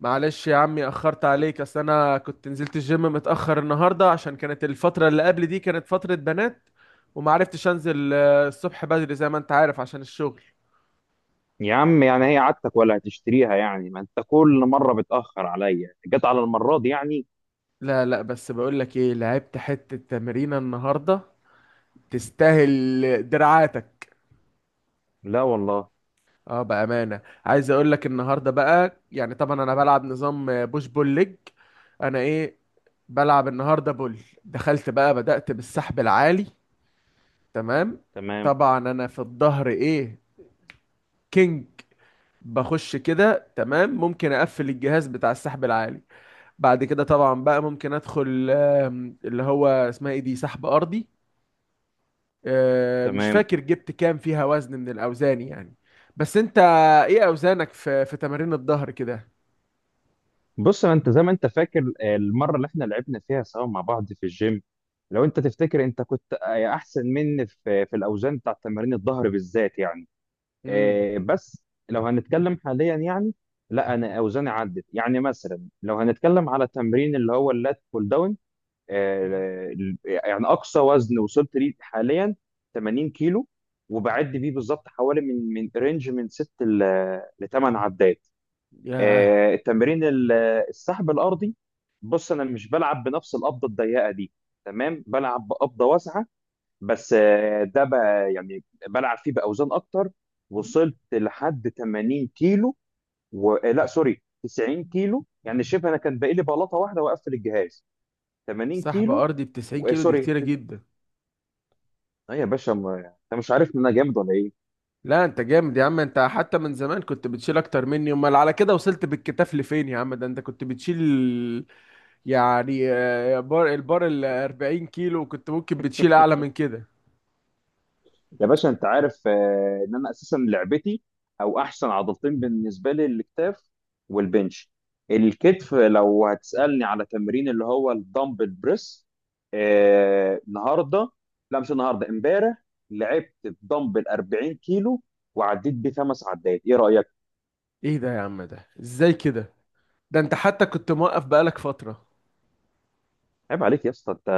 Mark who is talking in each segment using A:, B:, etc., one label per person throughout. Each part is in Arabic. A: معلش يا عمي، اخرت عليك. اصل انا كنت نزلت الجيم متاخر النهارده عشان كانت الفتره اللي قبل دي كانت فتره بنات، وما عرفتش انزل الصبح بدري زي ما انت عارف عشان الشغل.
B: يا عم، يعني هي عادتك ولا هتشتريها؟ يعني ما انت كل مرة بتأخر عليا، جت على المرة دي يعني.
A: لا، لا، بس بقول لك ايه، لعبت حته تمرينه النهارده. تستاهل دراعاتك.
B: لا والله.
A: اه بامانه، عايز اقول لك النهارده بقى، يعني طبعا انا بلعب نظام بوش بول ليج. انا ايه؟ بلعب النهارده بول. دخلت بقى، بدأت بالسحب العالي. تمام.
B: تمام.
A: طبعا انا في الظهر ايه؟ كينج. بخش كده، تمام، ممكن اقفل الجهاز بتاع السحب العالي. بعد كده طبعا بقى، ممكن ادخل اللي هو اسمها ايه، دي سحب ارضي. مش
B: تمام.
A: فاكر جبت كام فيها وزن من الاوزان يعني. بس انت، ايه اوزانك في تمارين الظهر كده؟
B: بص، ما انت زي ما انت فاكر المرة اللي احنا لعبنا فيها سوا مع بعض في الجيم. لو انت تفتكر انت كنت احسن مني في الاوزان بتاع تمارين الظهر بالذات يعني.
A: امم.
B: بس لو هنتكلم حاليا يعني. لا، انا اوزاني عدت. يعني مثلا لو هنتكلم على تمرين اللي هو اللات بول داون آه، يعني اقصى وزن وصلت ليه حاليا 80 كيلو، وبعد بيه بالظبط حوالي من رينج من 6 ل 8 عدات.
A: ياه!
B: التمرين السحب الارضي. بص، انا مش بلعب بنفس القبضه الضيقه دي. تمام، بلعب بقبضه واسعه. بس ده بقى يعني بلعب فيه باوزان اكتر. وصلت لحد 80 كيلو و... آه، لا، سوري، 90 كيلو. يعني شبه انا كان باقي لي بلاطه واحده واقفل الجهاز. 80
A: سحب
B: كيلو
A: ارضي ب 90
B: و... آه،
A: كيلو دي
B: سوري
A: كتيره
B: ت-
A: جدا.
B: يا باشا، ما... انت مش عارف ان انا جامد ولا ايه؟
A: لا انت جامد يا عم، انت حتى من زمان كنت بتشيل اكتر مني، امال على كده وصلت بالكتاف لفين يا عم، ده انت كنت بتشيل يعني بار، البار ال 40 كيلو كنت ممكن بتشيل اعلى من كده.
B: يا باشا، انت عارف ان انا اساسا لعبتي، او احسن عضلتين بالنسبه لي، الاكتاف والبنش. الكتف لو هتسالني على تمرين اللي هو الدمبل بريس، النهارده، لا مش النهارده، امبارح، لعبت الدمبل 40 كيلو وعديت بيه خمس عدات. ايه رايك؟
A: ايه ده يا عم، ده ازاي كده؟ ده انت حتى كنت موقف بقالك فترة.
B: عيب عليك يا اسطى. انت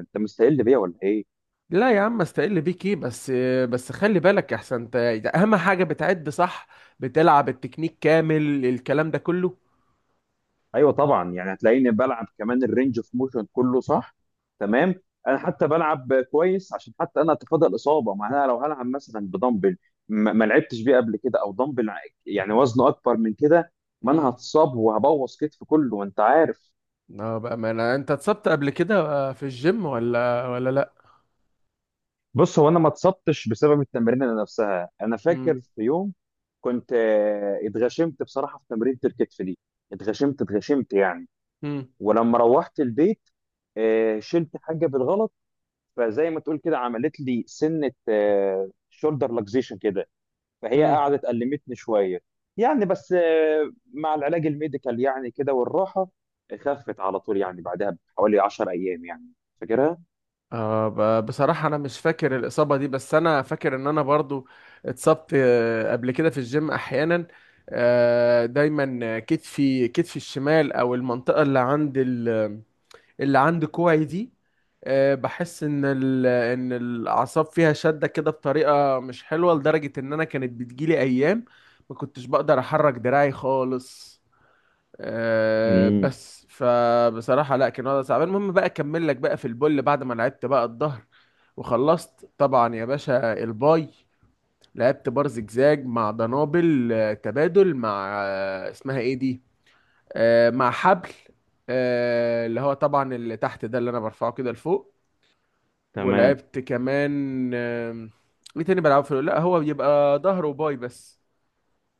B: انت مستقل بيا ولا ايه؟
A: لا يا عم، استقل بيك ايه؟ بس بس خلي بالك يا، احسن انت، ده اهم حاجة، بتعد صح، بتلعب التكنيك كامل، الكلام ده كله.
B: ايوه طبعا. يعني هتلاقيني بلعب كمان الرينج اوف موشن كله، صح؟ تمام. انا حتى بلعب كويس عشان حتى انا اتفادى الاصابه. معناها لو هلعب مثلا بدمبل ما لعبتش بيه قبل كده، او دمبل يعني وزنه اكبر من كده، ما انا
A: امم.
B: هتصاب وهبوظ كتف كله، وانت عارف.
A: اه بقى، ما انا انت اتصبت قبل كده في الجيم ولا لا؟
B: بص، هو انا ما اتصبتش بسبب التمرين نفسها. انا
A: امم.
B: فاكر في يوم كنت اتغشمت بصراحه في تمرينة الكتف دي. اتغشمت اتغشمت يعني. ولما روحت البيت شلت حاجه بالغلط. فزي ما تقول كده عملت لي سنه، شولدر لاكزيشن كده. فهي
A: امم.
B: قعدت ألمتني شويه يعني. بس مع العلاج الميديكال يعني، كده والراحه، خفت على طول. يعني بعدها بحوالي 10 ايام يعني. فاكرها؟
A: آه، بصراحة أنا مش فاكر الإصابة دي، بس أنا فاكر إن أنا برضو اتصبت قبل كده في الجيم أحيانا. دايما كتفي الشمال، أو المنطقة اللي عند اللي عند كوعي دي. بحس إن إن الأعصاب فيها شدة كده بطريقة مش حلوة، لدرجة إن أنا كانت بتجيلي أيام ما كنتش بقدر أحرك دراعي خالص. أه،
B: امم.
A: بس فبصراحة لا، كان وضع صعب. المهم بقى، اكمل لك بقى في البول بعد ما لعبت بقى الظهر وخلصت. طبعا يا باشا الباي، لعبت بار زجزاج مع دنابل تبادل مع اسمها ايه دي، مع حبل، اللي هو طبعا اللي تحت ده، اللي انا برفعه كده لفوق.
B: تمام.
A: ولعبت كمان ايه تاني بلعبه في لا، هو بيبقى ظهر وباي بس.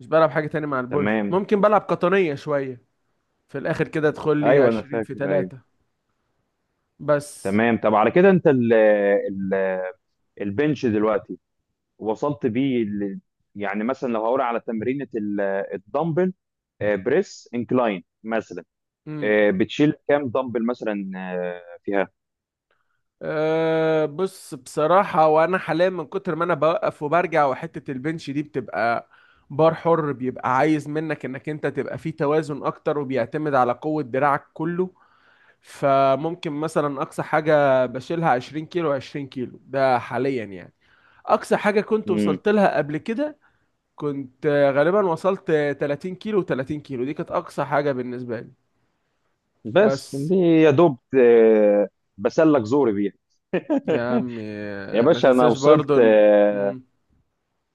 A: مش بلعب حاجة تاني مع البول،
B: تمام.
A: ممكن بلعب قطنية شوية في الاخر كده. ادخل لي
B: ايوه، انا
A: 20 في
B: فاكر. ايوه.
A: 3 بس.
B: تمام. طب على كده انت ال البنش دلوقتي وصلت بيه يعني مثلا لو هقول على تمرينة الدمبل بريس انكلاين مثلا،
A: امم.
B: بتشيل كام دمبل مثلا فيها؟
A: أه بص، بصراحة وأنا حاليا من كتر ما أنا بوقف وبرجع، وحتة البنش دي بتبقى بار حر، بيبقى عايز منك إنك أنت تبقى فيه توازن أكتر، وبيعتمد على قوة دراعك كله. فممكن مثلا أقصى حاجة بشيلها 20 كيلو، 20 كيلو ده حاليا يعني. أقصى حاجة كنت
B: مم.
A: وصلت لها قبل كده، كنت غالبا وصلت 30 كيلو، 30 كيلو دي كانت أقصى حاجة بالنسبة لي.
B: بس
A: بس
B: دي يا دوب بسلك زوري بيها.
A: يا عمي،
B: يا
A: ما
B: باشا، انا
A: تنساش برضو
B: وصلت آه،
A: مم.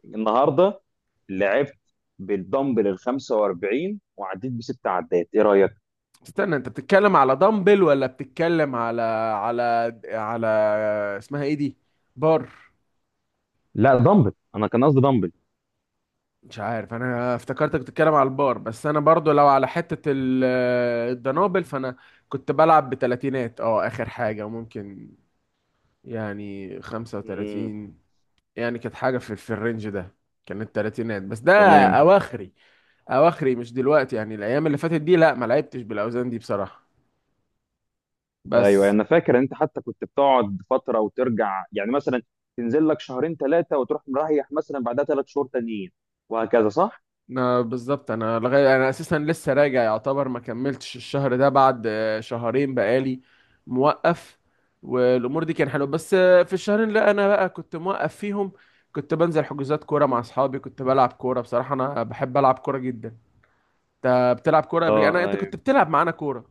B: النهارده لعبت بالدمبل ال 45 وعديت بست عدات. ايه رايك؟
A: استنى، انت بتتكلم على دمبل ولا بتتكلم على اسمها ايه دي، بار؟
B: لا، دمبل. انا كان قصدي دمبل.
A: مش عارف، انا افتكرتك بتتكلم على البار، بس انا برضو لو على حتة الدنابل، فانا كنت بلعب بتلاتينات اه، اخر حاجة، وممكن يعني خمسة
B: امم.
A: وتلاتين. يعني كانت حاجة في الرينج ده، كانت تلاتينات بس. ده
B: تمام.
A: اواخري، اواخري مش دلوقتي، يعني الايام اللي فاتت دي لا، ما لعبتش بالاوزان دي بصراحة.
B: ايوه،
A: بس
B: انا فاكر ان انت حتى كنت بتقعد فتره وترجع، يعني مثلا تنزل لك شهرين ثلاثه وتروح مريح، مثلا بعدها ثلاث شهور تانيين، وهكذا، صح؟
A: أنا بالظبط، انا لغايه، انا اساسا لسه راجع يعتبر، ما كملتش الشهر ده بعد، شهرين بقالي موقف، والامور دي كان حلوه، بس في الشهرين اللي انا بقى كنت موقف فيهم، كنت بنزل حجوزات كوره مع اصحابي، كنت بلعب كوره، بصراحه انا بحب العب كوره جدا. انت بتلعب كوره قبل؟ انا، انت
B: اه.
A: كنت بتلعب معانا كوره؟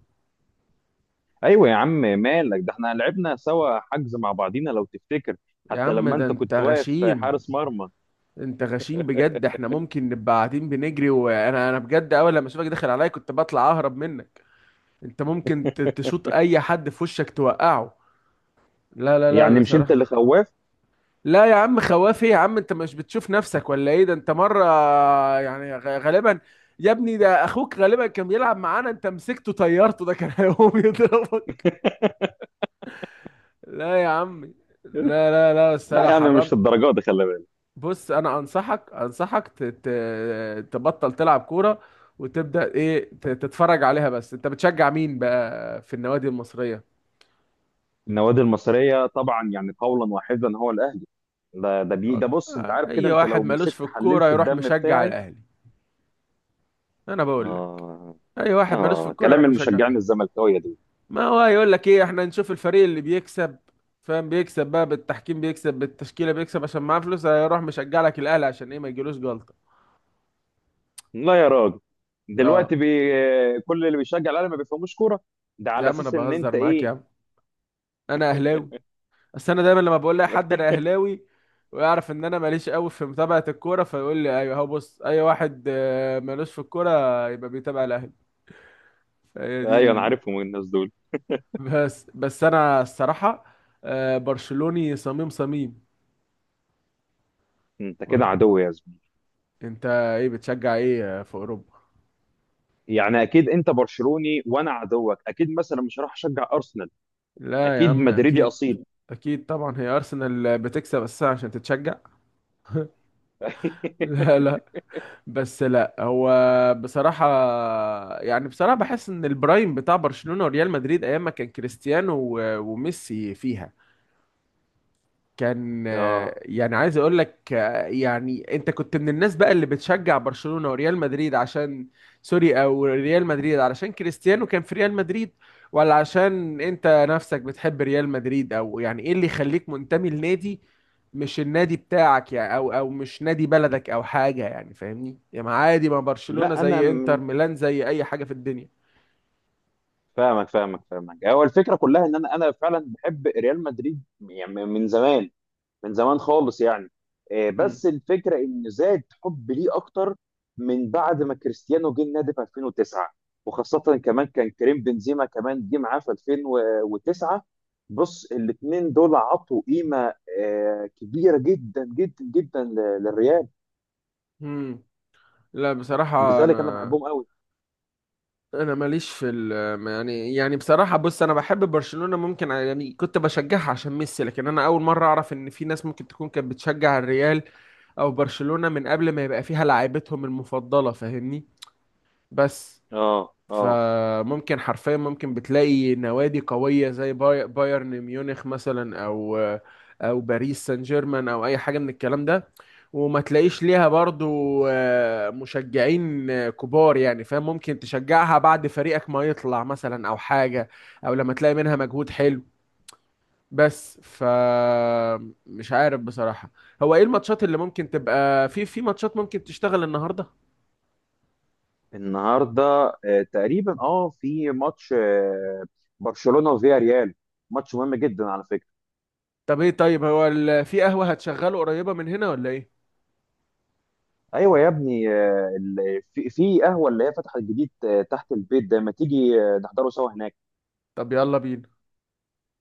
B: ايوه يا عم مالك، ده احنا لعبنا سوا حجز مع بعضينا لو تفتكر.
A: يا
B: حتى
A: عم،
B: لما
A: ده
B: انت
A: انت
B: كنت واقف
A: غشيم،
B: حارس مرمى.
A: انت غشيم بجد. احنا ممكن نبقى قاعدين بنجري، وانا انا بجد، اول لما اشوفك داخل عليا كنت بطلع اهرب منك. انت ممكن تشوط اي حد في وشك توقعه. لا، لا، لا،
B: يعني مش انت
A: بصراحة.
B: اللي خواف؟
A: لا يا عم، خوافي يا عم؟ انت مش بتشوف نفسك ولا ايه؟ ده انت مرة يعني غالبا، يا ابني ده اخوك غالبا كان بيلعب معانا، انت مسكته طيرته، ده كان هيقوم يضربك. لا يا عمي، لا، لا، لا، بس
B: لا،
A: انا
B: يعني مش
A: حرمت.
B: الدرجات دي، خلي بالك.
A: بص، انا انصحك تبطل تلعب كورة، وتبدأ ايه، تتفرج عليها بس. انت بتشجع مين بقى في النوادي المصرية؟
B: النوادي المصريه طبعا، يعني قولا واحدا هو الاهلي. ده بص، انت عارف كده،
A: اي
B: انت
A: واحد
B: لو
A: مالوش في
B: مسكت
A: الكورة
B: حللت
A: يروح
B: الدم
A: مشجع
B: بتاعي.
A: الاهلي. انا بقول لك،
B: اه.
A: اي واحد مالوش في
B: اه.
A: الكوره يروح
B: كلام
A: مشجع
B: المشجعين
A: الاهلي.
B: الزملكاويه دول.
A: ما هو يقول لك ايه، احنا نشوف الفريق اللي بيكسب. فاهم، بيكسب بقى بالتحكيم، بيكسب بالتشكيله، بيكسب عشان معاه فلوس، هيروح مشجع لك الاهلي عشان ايه، ما يجيلوش جلطه.
B: لا يا راجل
A: اه
B: دلوقتي بي... كل اللي بيشجع الاهلي ما بيفهموش كوره. ده
A: يا
B: على
A: عم، انا
B: اساس ان
A: بهزر
B: انت
A: معاك يا
B: ايه؟
A: عم. انا اهلاوي. بس انا دايما لما بقول لاي حد انا اهلاوي، ويعرف ان انا ماليش قوي في متابعه الكوره، فيقول لي ايوه اهو، بص اي واحد مالوش في الكوره يبقى بيتابع الاهلي. فهي دي
B: ايوه، انا عارفهم الناس دول.
A: بس انا الصراحه برشلوني، صميم صميم.
B: انت كده عدو يا زميلي.
A: انت ايه بتشجع ايه في اوروبا؟
B: يعني اكيد انت برشلوني، وانا عدوك اكيد. مثلا مش هروح اشجع ارسنال.
A: لا يا
B: اكيد
A: عم،
B: مدريدي
A: اكيد،
B: اصيل.
A: اكيد طبعا، هي ارسنال بتكسب اساسا عشان تتشجع؟ لا، لا، بس لا، هو بصراحة، يعني بصراحة بحس ان البرايم بتاع برشلونة وريال مدريد، ايام ما كان كريستيانو وميسي فيها، كان
B: اه.
A: يعني عايز اقول لك، يعني انت كنت من الناس بقى اللي بتشجع برشلونة وريال مدريد عشان، سوري، او ريال مدريد علشان كريستيانو كان في ريال مدريد. ولا عشان انت نفسك بتحب ريال مدريد، او يعني ايه اللي يخليك منتمي لنادي مش النادي بتاعك يعني، او مش نادي بلدك، او حاجة يعني، فاهمني يعني؟ عادي، ما برشلونة
B: لا،
A: زي انتر ميلان، زي اي حاجة في الدنيا.
B: فاهمك فاهمك فاهمك. هو الفكره كلها ان انا فعلا بحب ريال مدريد يعني من زمان. من زمان خالص يعني.
A: امم.
B: بس الفكره ان زاد حب ليه اكتر من بعد ما كريستيانو جه النادي في 2009، وخاصه كمان كان كريم بنزيما كمان جه معاه في 2009. بص، الاثنين دول عطوا قيمه كبيره جدا جدا جدا للريال.
A: امم. لا بصراحة،
B: لذلك انا
A: انا
B: بحبهم قوي.
A: انا ماليش في يعني بصراحه بص، انا بحب برشلونه، ممكن يعني كنت بشجعها عشان ميسي، لكن انا اول مره اعرف ان في ناس ممكن تكون كانت بتشجع الريال او برشلونه من قبل ما يبقى فيها لعيبتهم المفضله، فاهمني؟ بس،
B: اه. اه.
A: فممكن حرفيا ممكن بتلاقي نوادي قوية زي بايرن ميونخ مثلا، او باريس سان جيرمان، او اي حاجة من الكلام ده، وما تلاقيش ليها برضو مشجعين كبار يعني. فاهم؟ ممكن تشجعها بعد فريقك ما يطلع مثلا، او حاجة، او لما تلاقي منها مجهود حلو بس. ف، مش عارف بصراحة، هو ايه الماتشات اللي ممكن تبقى، في ماتشات ممكن تشتغل النهاردة؟
B: النهارده تقريبا، في ماتش برشلونه وفياريال. ماتش مهم جدا على فكره.
A: طب ايه، طيب هو في قهوة هتشغله قريبة من هنا ولا ايه؟
B: ايوه يا ابني، في قهوه اللي هي فتحت جديد تحت البيت ده. ما تيجي نحضره سوا هناك؟
A: طب يلا بينا.